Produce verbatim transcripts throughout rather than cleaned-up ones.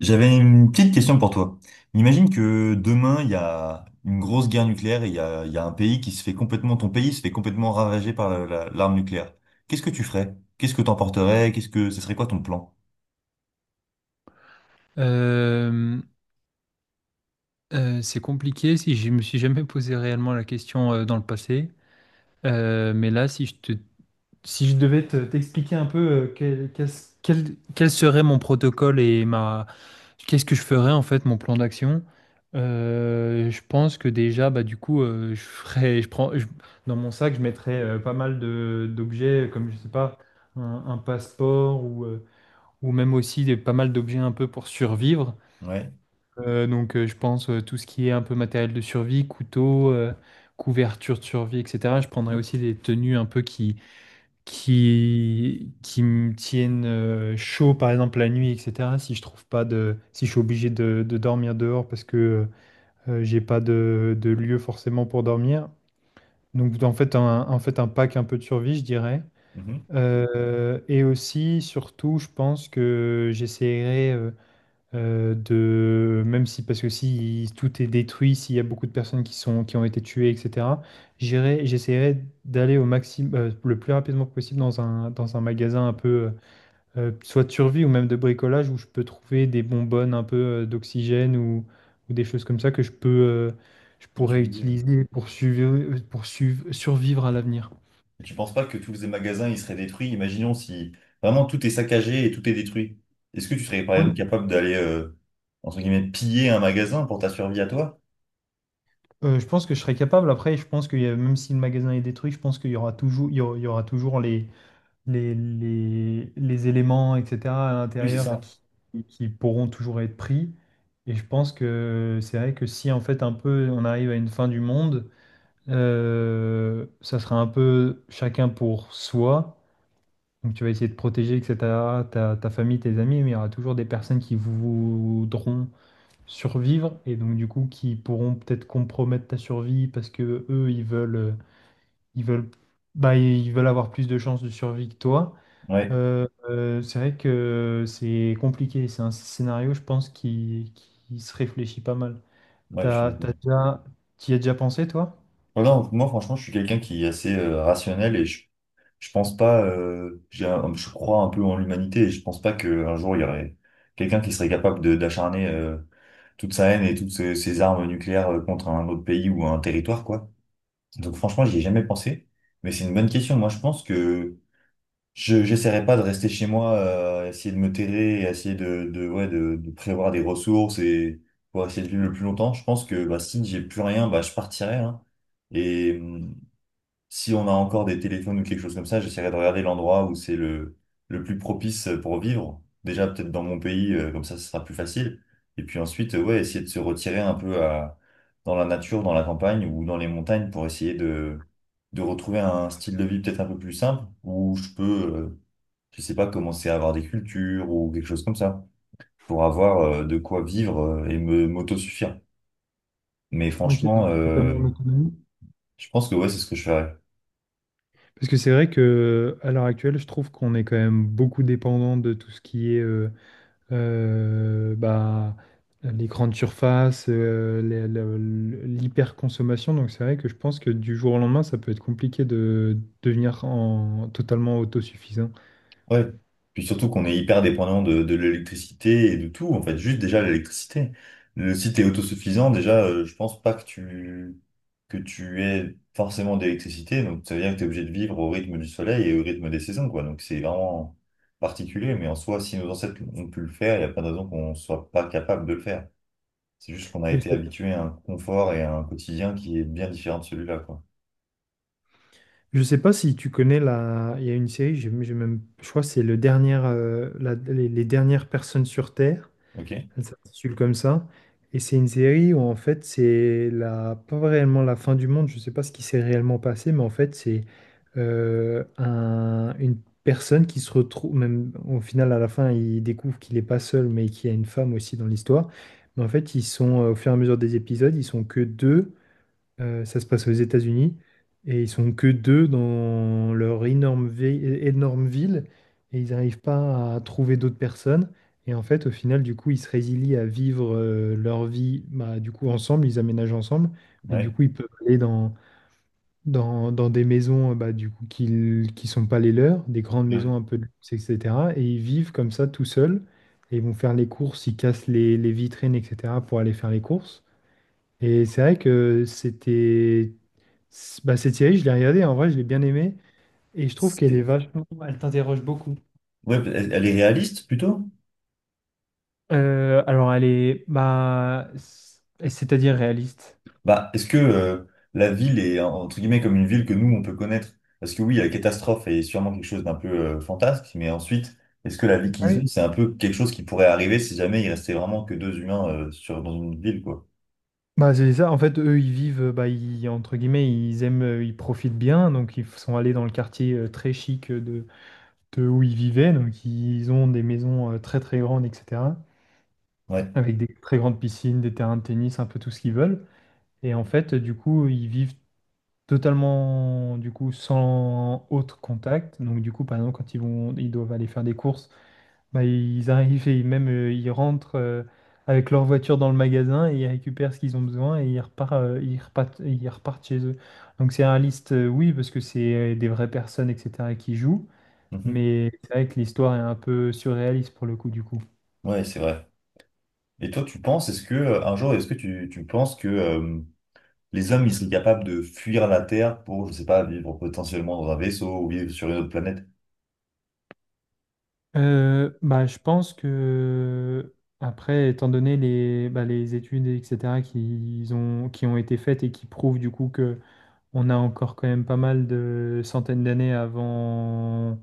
J'avais une petite question pour toi. Imagine que demain, il y a une grosse guerre nucléaire et il y a, il y a un pays qui se fait complètement, ton pays se fait complètement ravager par la- la- l'arme nucléaire. Qu'est-ce que tu ferais? Qu'est-ce que t'emporterais? Qu'est-ce que, ce serait quoi ton plan? Euh, euh, c'est compliqué si je me suis jamais posé réellement la question euh, dans le passé. Euh, mais là, si je te, si je devais te- t'expliquer un peu euh, quel, qu'est-ce- quel, quel serait mon protocole et ma, qu'est-ce que je ferais en fait, mon plan d'action. Euh, je pense que déjà, bah, du coup, euh, je ferais, je prends, je- dans mon sac, je mettrais euh, pas mal de, d'objets comme, je sais pas, un, un passeport ou, euh, ou même aussi des, pas mal d'objets un peu pour survivre. Ouais. Euh, donc, euh, je pense euh, tout ce qui est un peu matériel de survie, couteau, euh, couverture de survie, et cetera. Je prendrais aussi des tenues un peu qui, qui, qui me tiennent euh, chaud, par exemple la nuit, et cetera. Si je trouve pas de, si je suis obligé de, de dormir dehors parce que euh, j'ai pas de, de lieu forcément pour dormir. Donc, en fait, un, en fait, un pack un peu de survie, je dirais. Mhm. Euh, et aussi, surtout, je pense que j'essaierai euh, de même si parce que si tout est détruit, s'il y a beaucoup de personnes qui sont qui ont été tuées, et cetera. J'irai, j'essaierai d'aller au maximum le plus rapidement possible dans un dans un magasin un peu euh, euh, soit de survie ou même de bricolage où je peux trouver des bonbonnes un peu euh, d'oxygène ou ou des choses comme ça que je peux euh, je Et tu, pourrais utiliser pour suivre pour suivre- survivre à l'avenir. et tu penses pas que tous les magasins, ils seraient détruits? Imaginons si vraiment tout est saccagé et tout est détruit. Est-ce que tu serais par exemple Oui. capable d'aller, euh, entre guillemets, piller un magasin pour ta survie à toi? Euh, je pense que je serai capable. Après, je pense que même si le magasin est détruit, je pense qu'il y aura toujours, il y aura, il y aura toujours les, les, les, les éléments, et cetera, à Oui, c'est l'intérieur ça. qui, qui pourront toujours être pris. Et je pense que c'est vrai que si en fait un peu on arrive à une fin du monde, euh, ça sera un peu chacun pour soi. Donc tu vas essayer de protéger, et cetera, ta, ta famille, tes amis, mais il y aura toujours des personnes qui voudront survivre et donc du coup qui pourront peut-être compromettre ta survie parce que eux, ils veulent, ils veulent, bah, ils veulent avoir plus de chances de survie que toi. Ouais, Euh, euh, c'est vrai que c'est compliqué. C'est un scénario, je pense, qui, qui se réfléchit pas mal. ouais, je suis T'as, d'accord. t'as déjà, t'y as déjà pensé, toi? Ouais, moi, franchement, je suis quelqu'un qui est assez euh, rationnel et je, je pense pas, euh, j'ai un- je crois un peu en l'humanité et je pense pas qu'un jour il y aurait quelqu'un qui serait capable de- d'acharner euh, toute sa haine et toutes ses, ses armes nucléaires euh, contre un autre pays ou un territoire, quoi. Donc, franchement, j'y ai jamais pensé, mais c'est une bonne question. Moi, je pense que je, j'essaierai pas de rester chez moi, euh, essayer de me terrer et essayer de, de, ouais, de, de prévoir des ressources et pour essayer de vivre le plus longtemps. Je pense que bah, si j'ai plus rien, bah, je partirai, hein. Et, hum, si on a encore des téléphones ou quelque chose comme ça, j'essaierai de regarder l'endroit où c'est le, le plus propice euh, pour vivre. Déjà, peut-être dans mon pays, euh, comme ça, ce sera plus facile. Et puis ensuite, euh, ouais, essayer de se retirer un peu à, dans la nature, dans la campagne ou dans les montagnes pour essayer de, de retrouver un style de vie peut-être un peu plus simple où je peux, euh, je sais pas, commencer à avoir des cultures ou quelque chose comme ça pour avoir euh, de quoi vivre euh, et me m'autosuffire. Mais Ok, franchement, euh, totalement en. je pense que ouais, c'est ce que je ferais. Parce que c'est vrai que à l'heure actuelle, je trouve qu'on est quand même beaucoup dépendant de tout ce qui est euh, euh, bah, les grandes surfaces, euh, les- le- l'hyperconsommation. Donc c'est vrai que je pense que du jour au lendemain, ça peut être compliqué de devenir en, totalement autosuffisant. Ouais. Puis surtout qu'on est hyper dépendant de, de l'électricité et de tout, en fait, juste déjà l'électricité. Le si t'es autosuffisant, déjà, euh, je pense pas que tu que tu aies forcément d'électricité, donc ça veut dire que t'es obligé de vivre au rythme du soleil et au rythme des saisons, quoi. Donc c'est vraiment particulier, mais en soi, si nos ancêtres ont pu le faire, il n'y a pas de raison qu'on soit pas capable de le faire. C'est juste qu'on a été habitué à un confort et à un quotidien qui est bien différent de celui-là, quoi. Je sais pas si tu connais la. Il y a une série, j'ai j'ai même... je crois que c'est le dernier, euh, la- les, les dernières personnes sur Terre. Ok? Elle s'intitule comme ça. Et c'est une série où en fait c'est la... pas réellement la fin du monde. Je sais pas ce qui s'est réellement passé, mais en fait c'est euh, un- une personne qui se retrouve, même au final à la fin, il découvre qu'il n'est pas seul, mais qu'il y a une femme aussi dans l'histoire. Mais en fait, ils sont euh, au fur et à mesure des épisodes, ils sont que deux. Euh, ça se passe aux États-Unis et ils sont que deux dans leur énorme, vi- énorme ville et ils n'arrivent pas à trouver d'autres personnes. Et en fait, au final, du coup, ils se résilient à vivre euh, leur vie bah, du coup ensemble, ils aménagent ensemble, mais du Ouais. coup, ils peuvent aller dans, dans, dans des maisons euh, bah, du coup, qui ne sont pas les leurs, des grandes Ouais. maisons un peu de luxe, et cetera. Et ils vivent comme ça tout seuls et ils vont faire les courses, ils cassent les, les vitrines, et cetera pour aller faire les courses. Et c'est vrai que c'était... c- bah, cette série, je l'ai regardée, en vrai, je l'ai bien aimée. Et je trouve qu'elle est C'est- vachement... Elle t'interroge beaucoup. ouais, elle elle est réaliste plutôt? Euh, alors, elle est, bah, c- c'est-à-dire réaliste. Bah, est-ce que euh, la ville est entre guillemets comme une ville que nous on peut connaître? Parce que oui, la catastrophe est sûrement quelque chose d'un peu euh, fantasque, mais ensuite, est-ce que la vie Ah qu'ils oui. ont, c'est un peu quelque chose qui pourrait arriver si jamais il restait vraiment que deux humains euh, sur dans une ville, quoi? Bah, c'est ça, en fait, eux, ils vivent, bah, ils- entre guillemets, ils aiment, euh, ils profitent bien, donc ils sont allés dans le quartier euh, très chic euh, de, de où ils vivaient, donc ils ont des maisons euh, très très grandes, et cetera, Ouais. avec des très grandes piscines, des terrains de tennis, un peu tout ce qu'ils veulent. Et en fait, du coup, ils vivent totalement du coup sans autre contact. Donc du coup, par exemple, quand ils vont, ils doivent aller faire des courses, bah, ils arrivent et même euh, ils rentrent euh, avec leur voiture dans le magasin et ils récupèrent ce qu'ils ont besoin et ils repartent, euh, ils repartent, ils repartent chez eux. Donc c'est réaliste, euh, oui, parce que c'est euh, des vraies personnes, et cetera, qui jouent. Mhm. Mais c'est vrai que l'histoire est un peu surréaliste pour le coup du coup. Ouais, c'est vrai. Et toi, tu penses, est-ce que euh, un jour, est-ce que tu, tu penses que euh, les hommes ils seraient capables de fuir la Terre pour, je sais pas, vivre potentiellement dans un vaisseau ou vivre sur une autre planète? Euh, bah, je pense que, après, étant donné les, bah, les études, et cetera, qui ont, qui ont été faites et qui prouvent du coup que on a encore quand même pas mal de centaines d'années avant,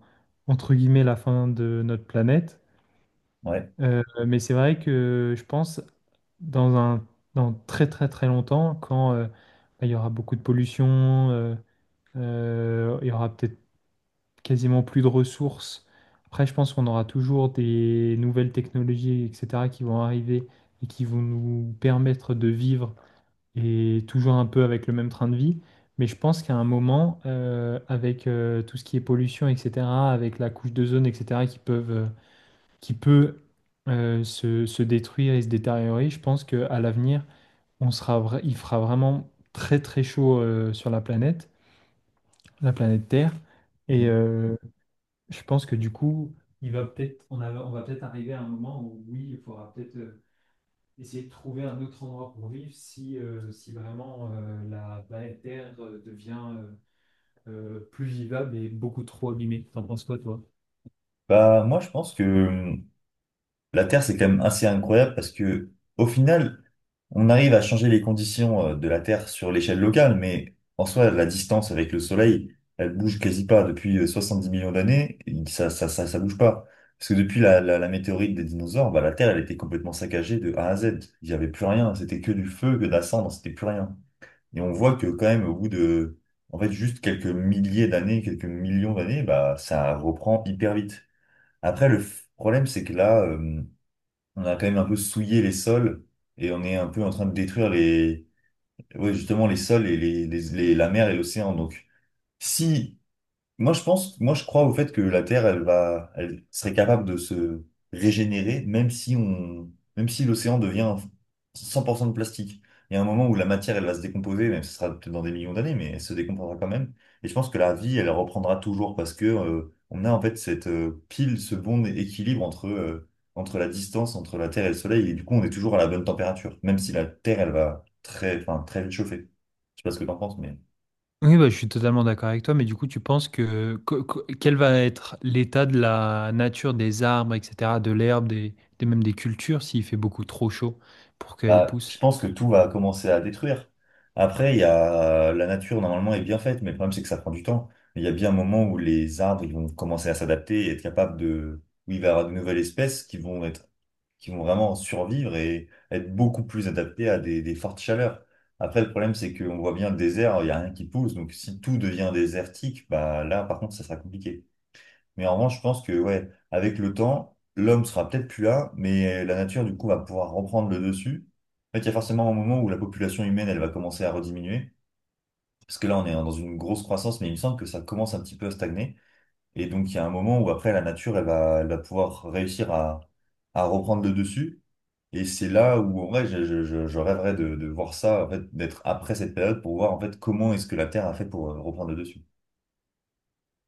entre guillemets, la fin de notre planète. Ouais. Euh, mais c'est vrai que je pense, dans un, dans très très très longtemps, quand euh, bah, il y aura beaucoup de pollution, euh, euh, il y aura peut-être quasiment plus de ressources. Après, je pense qu'on aura toujours des nouvelles technologies, et cetera, qui vont arriver et qui vont nous permettre de vivre et toujours un peu avec le même train de vie. Mais je pense qu'à un moment, euh, avec euh, tout ce qui est pollution, et cetera, avec la couche d'ozone, et cetera, qui peuvent, euh, qui peut euh, se, se détruire et se détériorer, je pense qu'à l'avenir, on sera, vra- il fera vraiment très très chaud euh, sur la planète, la planète Terre. Et, Mhm. euh, je pense que du coup, il va peut-être, on a- on va peut-être arriver à un moment où oui, il faudra peut-être euh, essayer de trouver un autre endroit pour vivre si, euh, si vraiment euh, la planète Terre euh, devient euh, euh, plus vivable et beaucoup trop abîmée. T'en penses quoi, toi? Bah moi, je pense que la Terre, c'est quand même assez incroyable parce que, au final, on arrive à changer les conditions euh, de la Terre sur l'échelle locale, mais en soi, la distance avec le Soleil, elle bouge quasi pas. Depuis euh, dix millions d'années, il- ça, ça, ça, ça bouge pas. Parce que depuis la, la, la météorite des dinosaures, bah, la Terre, elle était complètement saccagée de A à Z. Il n'y avait plus rien. C'était que du feu, que de la cendre, c'était plus rien. Et on voit que quand même, au bout de, en fait, juste quelques milliers d'années, quelques millions d'années, bah, ça reprend hyper vite. Après, le f- problème, c'est que là, euh, on a quand même un peu souillé les sols et on est un peu en train de détruire les, ouais, justement les sols et les, les- les- la mer et l'océan. Donc, si moi, je pense, moi, je crois au fait que la Terre, elle va, elle serait capable de se régénérer, même si on, même si l'océan devient cent pour cent de plastique. Il y a un moment où la matière, elle va se décomposer, même si ce sera peut-être dans des millions d'années, mais elle se décomposera quand même. Et je pense que la vie, elle reprendra toujours parce que, euh, on a en fait cette euh, pile, ce bon équilibre entre, euh, entre la distance entre la Terre et le Soleil. Et du coup, on est toujours à la bonne température, même si la Terre, elle va très, enfin, très vite chauffer. Je sais pas ce que t'en penses, mais. Oui, bah, je suis totalement d'accord avec toi, mais du coup, tu penses que, que- que- quel va être l'état de la nature des arbres, et cetera, de l'herbe, des, des- même des cultures, s'il fait beaucoup trop chaud pour qu'elles Bah, je poussent? pense que tout va commencer à détruire. Après, il y a la nature normalement est bien faite, mais le problème c'est que ça prend du temps. Il y a bien un moment où les arbres ils vont commencer à s'adapter et être capables de, où il va y avoir de nouvelles espèces qui vont être, qui vont vraiment survivre et être beaucoup plus adaptées à des, des fortes chaleurs. Après, le problème c'est qu'on voit bien le désert, il y a rien qui pousse, donc si tout devient désertique, bah là par contre ça sera compliqué. Mais en revanche, je pense que, ouais, avec le temps, l'homme sera peut-être plus là, mais la nature, du coup, va pouvoir reprendre le dessus. En fait, il y a forcément un moment où la population humaine, elle va commencer à rediminuer. Parce que là, on est dans une grosse croissance, mais il me semble que ça commence un petit peu à stagner. Et donc, il y a un moment où après, la nature, elle va, elle va pouvoir réussir à, à reprendre le dessus. Et c'est là où, en vrai, je, je, je je rêverais de, de voir ça, en fait, d'être après cette période pour voir, en fait, comment est-ce que la Terre a fait pour euh, reprendre le dessus.